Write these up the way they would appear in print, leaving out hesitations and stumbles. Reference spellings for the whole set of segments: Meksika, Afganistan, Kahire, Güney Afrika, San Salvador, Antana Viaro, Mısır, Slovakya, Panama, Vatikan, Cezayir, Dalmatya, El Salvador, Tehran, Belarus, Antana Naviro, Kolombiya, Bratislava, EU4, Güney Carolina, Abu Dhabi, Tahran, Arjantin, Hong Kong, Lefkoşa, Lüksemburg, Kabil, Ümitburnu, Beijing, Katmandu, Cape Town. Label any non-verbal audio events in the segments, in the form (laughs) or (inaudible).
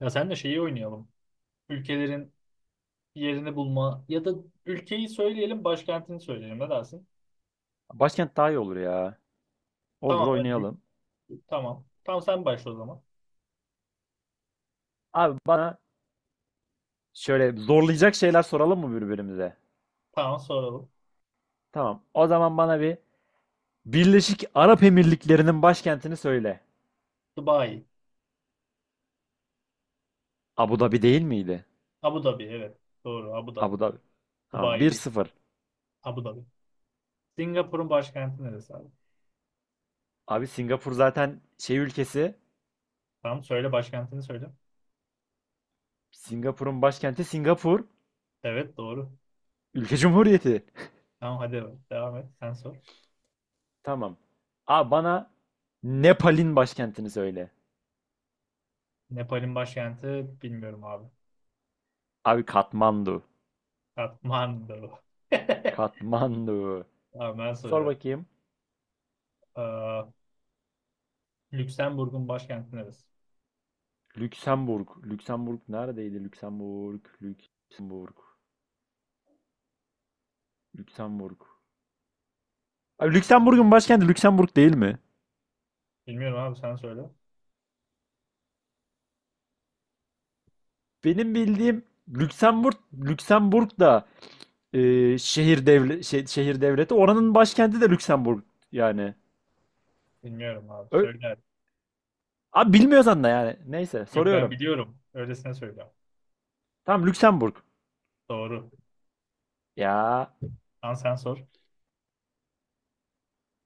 Ya sen de şeyi oynayalım. Ülkelerin yerini bulma ya da ülkeyi söyleyelim, başkentini söyleyelim. Ne dersin? Başkent daha iyi olur ya. Olur Tamam hadi. oynayalım. Tamam. Tamam sen başla o zaman. Abi bana şöyle zorlayacak şeyler soralım mı birbirimize? Tamam soralım. Tamam. O zaman bana bir Birleşik Arap Emirlikleri'nin başkentini söyle. Dubai. Abu Dhabi değil miydi? Abu Dhabi evet. Doğru Abu Dhabi. Abu Dhabi. Tamam. Dubai bir değil. sıfır. Abu Dhabi. Singapur'un başkenti neresi abi? Abi Singapur zaten şey ülkesi. Tamam söyle başkentini söyle. Singapur'un başkenti Singapur. Evet doğru. Ülke Cumhuriyeti. Tamam hadi evet, devam et. Sen sor. (laughs) Tamam. Abi bana Nepal'in başkentini söyle. Nepal'in başkenti bilmiyorum abi. Abi Katmandu. Kathmandu. (laughs) Katmandu. Tamam ben Sor soruyorum. bakayım. Ee, Lüksemburg'un başkenti neresi? Lüksemburg. Lüksemburg neredeydi? Lüksemburg. Lüksemburg. Lüksemburg. Abi Lüksemburg'un başkenti Lüksemburg değil mi? Bilmiyorum abi sen söyle. Benim bildiğim Lüksemburg, Lüksemburg da şehir devleti. Oranın başkenti de Lüksemburg yani. Bilmiyorum abi. Ö- Söyle. Abi bilmiyorsan da yani. Neyse Yok ben soruyorum. biliyorum. Öylesine söylüyorum. Tamam Lüksemburg. Doğru. Ya, Lan sen sor.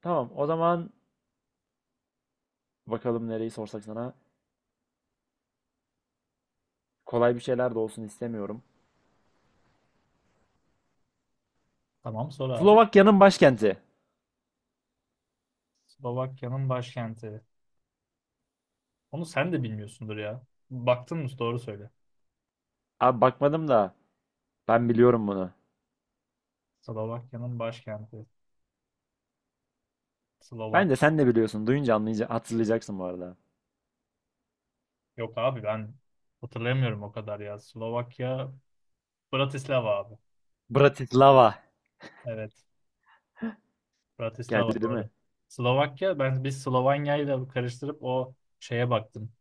tamam o zaman bakalım nereyi sorsak sana. Kolay bir şeyler de olsun istemiyorum. Tamam sor abi. Slovakya'nın başkenti. Slovakya'nın başkenti. Onu sen de bilmiyorsundur ya. Baktın mı? Doğru söyle. Abi bakmadım da ben biliyorum bunu. Slovakya'nın başkenti. Slovak. Bence sen de biliyorsun. Duyunca hatırlayacaksın bu arada. Yok abi ben hatırlayamıyorum o kadar ya. Slovakya Bratislava abi. Bratislava. Evet. Bratislava Geldi değil doğru. mi? Slovakya ben biz Slovanya ile karıştırıp o şeye baktım.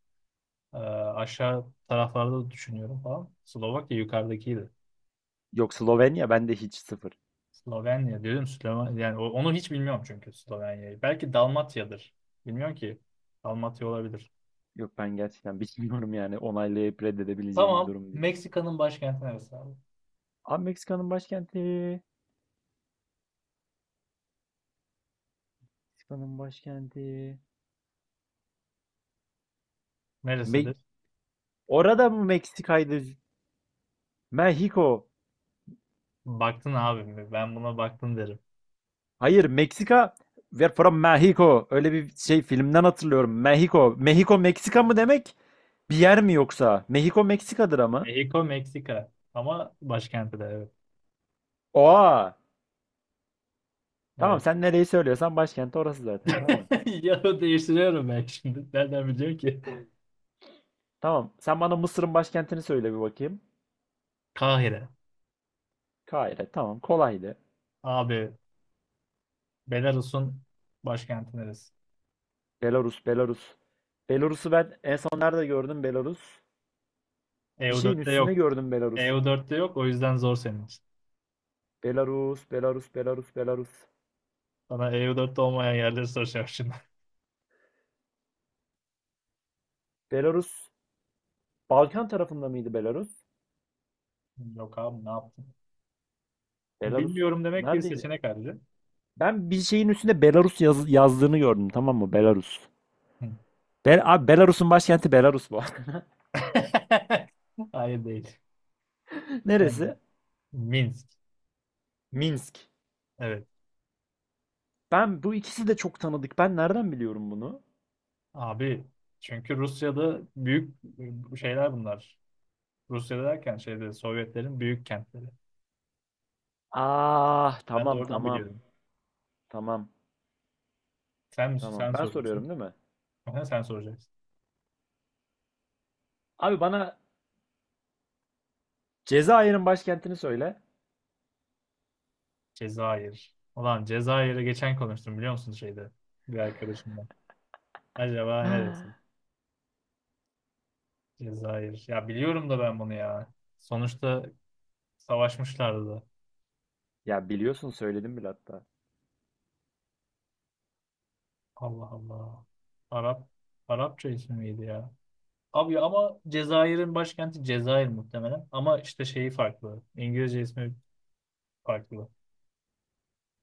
Aşağı taraflarda da düşünüyorum falan. Slovakya yukarıdakiydi. Yok, Slovenya bende hiç sıfır. Slovenya diyorum Slovenya yani onu hiç bilmiyorum çünkü Slovenya'yı. Belki Dalmatya'dır. Bilmiyorum ki. Dalmatya olabilir. Yok, ben gerçekten bilmiyorum yani onaylayıp reddedebileceğim bir Tamam. durum değil. Meksika'nın başkenti neresi abi? Abi Meksika'nın başkenti. Meksika'nın başkenti. Me Neresidir? Orada mı Meksika'ydı? Mexico. Baktın abi mi? Ben buna baktım derim. Hayır, Meksika. We're from Mexico. Öyle bir şey filmden hatırlıyorum. Mexico. Mexico Meksika mı demek? Bir yer mi yoksa? Mexico Meksika'dır ama. Mexico, Meksika. Ama başkenti de evet. Oha. Tamam, Evet. sen nereyi söylüyorsan başkenti orası zaten. Tamam. (laughs) Ya değiştiriyorum ben şimdi. Nereden biliyorum ki? Tamam. Sen bana Mısır'ın başkentini söyle bir bakayım. Kahire. Kahire. Tamam. Kolaydı. Abi Belarus'un başkenti neresi? Belarus. Belarus. Belarus'u ben en son nerede gördüm Belarus? Bir şeyin EU4'te yok. üstünde gördüm Belarus. EU4'te yok o yüzden zor senin için. Belarus. Belarus. Belarus. Belarus. Sana EU4'te olmayan yerleri soracağım şimdi. Belarus. Balkan tarafında mıydı Belarus? Yok abi ne yaptın? Belarus. Bilmiyorum demek bir Neredeydi? seçenek ayrıca. Ben bir şeyin üstünde Belarus yazdığını gördüm. Tamam mı? Belarus. Hı. Abi Belarus'un başkenti Belarus bu. (laughs) Hayır değil. (laughs) Ee, Neresi? Minsk. Minsk. Evet. Ben bu ikisi de çok tanıdık. Ben nereden biliyorum bunu? Abi çünkü Rusya'da büyük şeyler bunlar. Rusya'da derken şeyde Sovyetlerin büyük kentleri. Ah, Ben de tamam oradan tamam biliyorum. tamam Sen tamam. sen Ben soruyorsun. soruyorum değil mi? Aha, sen soracaksın. Abi bana Cezayir'in başkentini söyle. Cezayir. Ulan Cezayir'e geçen konuştum biliyor musun şeyde bir arkadaşımla. Acaba neresi? (gasps) Cezayir. Ya biliyorum da ben bunu ya. Sonuçta savaşmışlardı. Ya biliyorsun söyledim bile hatta. Allah Allah. Arap Arapça ismi miydi ya? Abi ama Cezayir'in başkenti Cezayir muhtemelen. Ama işte şeyi farklı. İngilizce ismi farklı.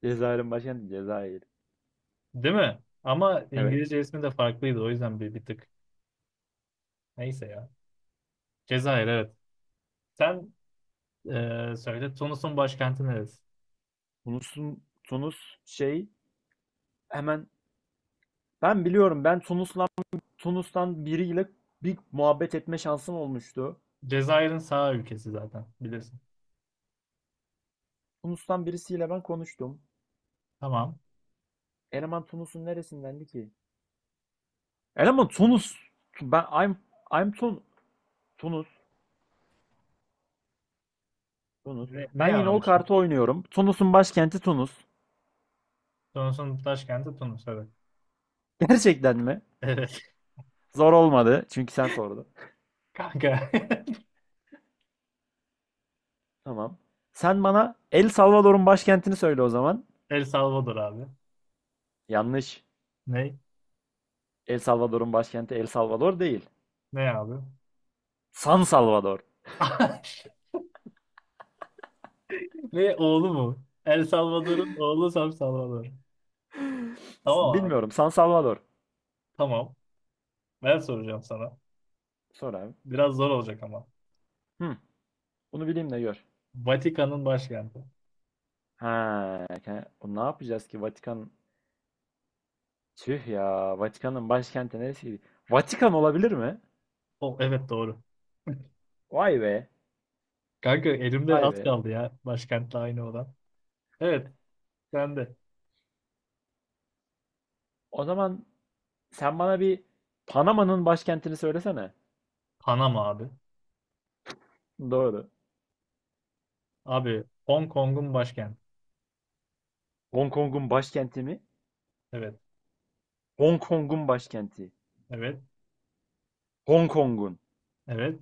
Cezayir'in başkenti Cezayir. Değil mi? Ama Evet. İngilizce ismi de farklıydı. O yüzden bir tık. Neyse ya. Cezayir evet. Sen söyle. Tunus'un başkenti neresi? Tunus'un Tunus şey hemen ben biliyorum ben Tunus'la Tunus'tan biriyle bir muhabbet etme şansım olmuştu. Cezayir'in sağ ülkesi zaten. Bilirsin. Tunus'tan birisiyle ben konuştum. Tamam. Eleman Tunus'un neresindendi ki? Eleman Tunus. Ben I'm Tunus. Tunus. Ne Ben ya yine o abi şimdi? kartı oynuyorum. Tunus'un başkenti Tunus. Tunus'un başkenti Tunus evet. (laughs) Gerçekten mi? Evet. Zor olmadı. Çünkü sen sordun. (laughs) Kanka. Tamam. Sen bana El Salvador'un başkentini söyle o zaman. (laughs) El Salvador abi. Yanlış. Ne? El Salvador'un başkenti El Salvador değil. Ne abi? San Salvador. (laughs) Ve oğlu mu? El Salvador'un oğlu Sam Salvador. (laughs) Tamam abi. Bilmiyorum. San Salvador. Tamam. Ben soracağım sana. Sor abi. Biraz zor olacak ama. Hı. Bunu bileyim de gör. Vatikan'ın başkenti. Ha, ne yapacağız ki Vatikan? Tüh ya. Vatikan'ın başkenti neresiydi? Vatikan olabilir mi? O evet doğru. (laughs) Vay be. Kanka elimde Vay az be. kaldı ya. Başkentle aynı olan. Evet. Sen de. O zaman sen bana bir Panama'nın başkentini söylesene. Panama abi. Doğru. Abi Hong Kong'un başkenti. Hong Kong'un başkenti mi? Evet. Hong Kong'un başkenti. Evet. Hong Kong'un. Evet.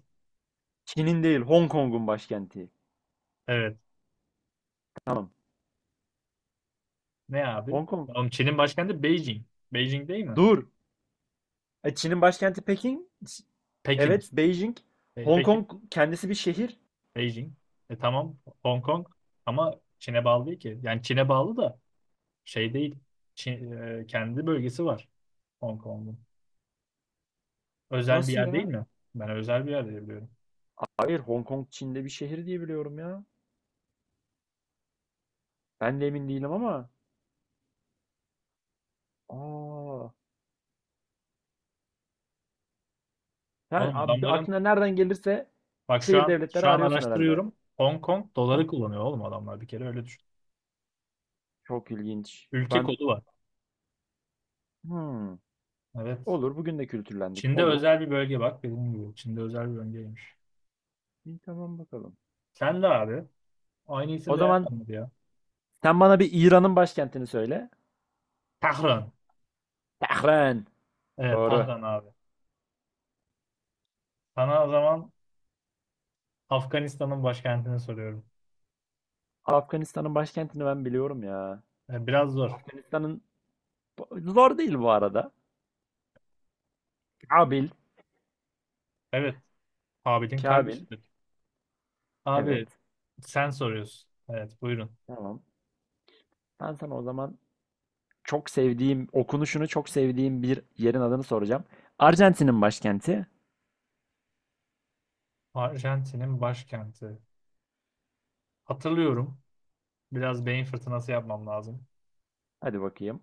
Çin'in değil, Hong Kong'un başkenti. Evet. Tamam. Ne abi? Hong Kong. Oğlum Çin'in başkenti Beijing. Beijing değil mi? Dur. Çin'in başkenti Pekin. Pekin Evet, işte. Beijing. Hong Pekin. Kong kendisi bir şehir. Beijing. E tamam. Hong Kong. Ama Çin'e bağlı değil ki. Yani Çin'e bağlı da şey değil. Kendi bölgesi var Hong Kong'un. Özel bir Nasıl yer değil ya? mi? Ben özel bir yer diye biliyorum. Hayır, Hong Kong Çin'de bir şehir diye biliyorum ya. Ben de emin değilim ama. Aa. Yani Oğlum abi, adamların aklına nereden gelirse bak şu şehir an devletleri şu an arıyorsun herhalde. araştırıyorum. Hong Kong Ta- doları kullanıyor oğlum adamlar bir kere öyle düşün. Çok ilginç. Ülke kodu var. Hmm. Evet. Olur. Bugün de kültürlendik. Çin'de Olur. özel bir bölge bak dediğim gibi. Çin'de özel bir bölgeymiş. İyi, tamam bakalım. Sen de abi. Aynı O isimle zaman yapmadı ya. sen bana bir İran'ın başkentini söyle. Tahran. Tehran. Evet Doğru. Tahran abi. Sana o zaman Afganistan'ın başkentini soruyorum. Afganistan'ın başkentini ben biliyorum ya. E, biraz zor. Afganistan'ın zor değil bu arada. Kabil. Evet. Abidin Kabil. kardeşidir. Abi Evet. sen soruyorsun. Evet buyurun. Tamam. Ben sana o zaman çok sevdiğim, okunuşunu çok sevdiğim bir yerin adını soracağım. Arjantin'in başkenti. Arjantin'in başkenti. Hatırlıyorum. Biraz beyin fırtınası yapmam lazım. Hadi bakayım.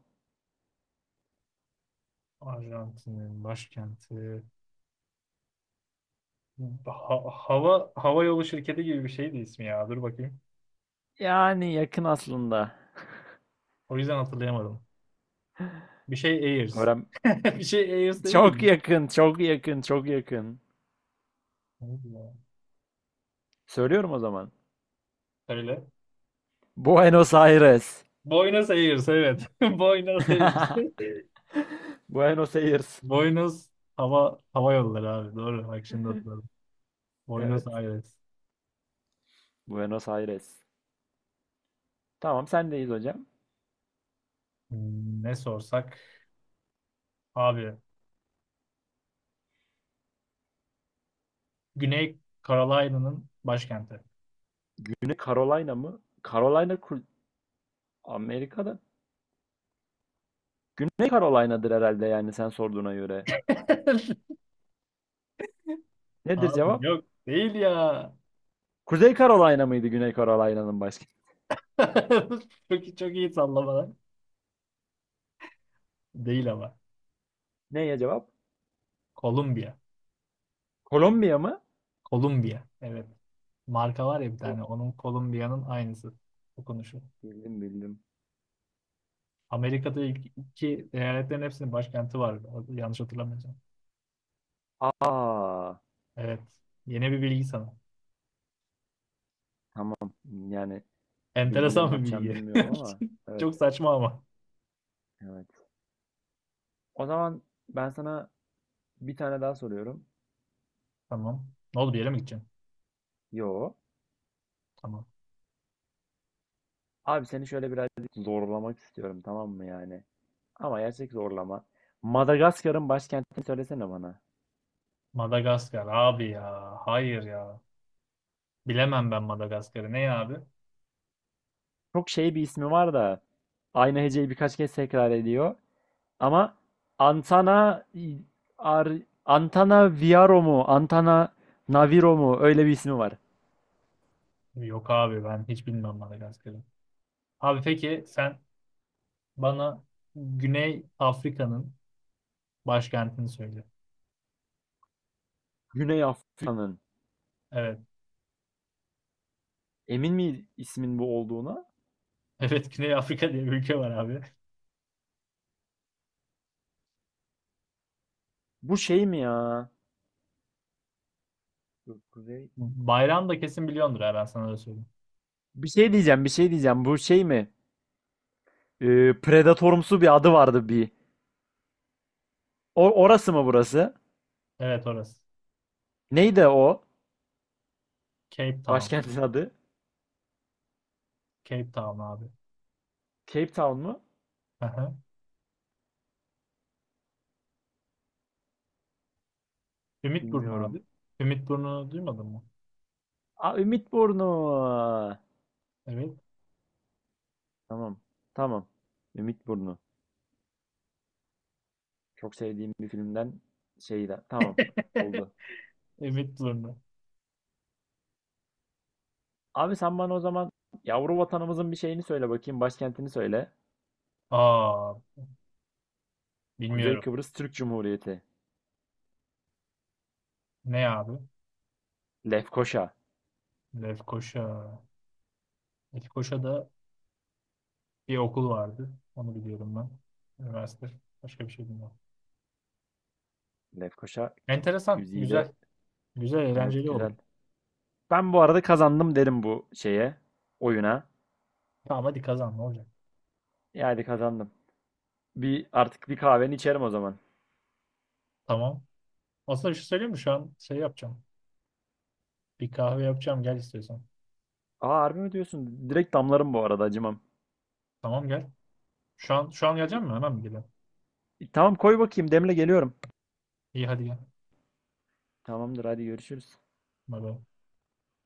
Arjantin'in başkenti. Hava yolu şirketi gibi bir şeydi ismi ya. Dur bakayım. Yani yakın aslında. O yüzden hatırlayamadım. Bir şey Airs. Öğren... (laughs) Bir şey Airs değil Çok miydi? yakın, çok yakın, çok yakın. Neydi ya? Söylüyorum o zaman. Söyle. Buenos Aires. Buenos Aires evet. (laughs) Buenos Aires. (laughs) Buenos Aires. Buenos hava yolları abi. Doğru. Bak şimdi hatırladım. Buenos Evet. Aires. Buenos Aires. Tamam sendeyiz hocam. Ne sorsak abi. Güney Carolina'nın başkenti. Güney Carolina mı? Carolina kul- Amerika'da. Güney Carolina'dır herhalde yani sen sorduğuna göre. (laughs) Nedir Abi cevap? yok değil ya. Kuzey Carolina mıydı Güney Carolina'nın başkenti? (laughs) Çok iyi sallamalar. Değil ama. Neye cevap? Kolombiya. Kolombiya mı? Kolombiya. Evet. Marka var ya bir Oh, tane. Onun Kolombiya'nın aynısı. Okunuşu. bildim bildim. Amerika'da ilk iki eyaletlerin hepsinin başkenti var. Yanlış hatırlamıyorsam. Aa, Evet. Yeni bir bilgi sana. tamam. Yani bu bilgiyle ne Enteresan bir yapacağım bilgi. bilmiyorum ama (laughs) evet Çok saçma ama. evet. O zaman ben sana bir tane daha soruyorum. Tamam. Ne oldu bir yere mi gideceğim? Yo. Tamam. Abi seni şöyle birazcık zorlamak istiyorum tamam mı yani? Ama gerçek zorlama. Madagaskar'ın başkentini söylesene bana. Madagaskar abi ya. Hayır ya. Bilemem ben Madagaskar'ı. Ne ya abi? Çok şey bir ismi var da aynı heceyi birkaç kez tekrar ediyor. Ama Antana Ar, Antana Viaro mu? Antana Naviro mu? Öyle bir ismi var. Yok abi ben hiç bilmem Madagaskar'ı. Abi peki sen bana Güney Afrika'nın başkentini söyle. Güney Afrika'nın. Evet. (laughs) Emin mi ismin bu olduğuna? Evet Güney Afrika diye bir ülke var abi. Bu şey mi ya? Dur, Kuzey. Bayrağını da kesin biliyordur ha ben sana öyle söyleyeyim. Bir şey diyeceğim, bir şey diyeceğim. Bu şey mi? Predatorumsu bir adı vardı bir. O, orası mı burası? Evet orası. Neydi o? Cape Town. Başkentin adı? Cape Town abi. Cape Town mu? Aha. Ümitburnu abi. Bilmiyorum. Ümitburnu'nu duymadın mı? Aa, Ümitburnu. Evet. Tamam. Tamam. Ümitburnu. Çok sevdiğim bir filmden şeydi. Tamam. (laughs) Oldu. Ümitburnu. Abi sen bana o zaman yavru vatanımızın bir şeyini söyle bakayım. Başkentini söyle. Aa Kuzey bilmiyorum. Kıbrıs Türk Cumhuriyeti. Ne abi? Lefkoşa. Lefkoşa. Lefkoşa da bir okul vardı. Onu biliyorum ben. Üniversite. Başka bir şey bilmiyorum. Lefkoşa Enteresan. güzide. Güzel. Güzel, Evet eğlenceli güzel. oldu. Ben bu arada kazandım derim bu şeye. Oyuna. Tamam hadi kazan ne olacak? Yani kazandım. Bir artık bir kahveni içerim o zaman. Tamam. Aslında bir şey söyleyeyim mi? Şu an şey yapacağım. Bir kahve yapacağım. Gel istiyorsan. Aa, harbi mi diyorsun? Direkt damlarım bu arada acımam. Tamam gel. Şu an şu an gelecek İ- misin? Hemen mi geliyorsun? Tamam koy bakayım demle geliyorum. İyi hadi gel. Tamamdır hadi görüşürüz. Bay bay.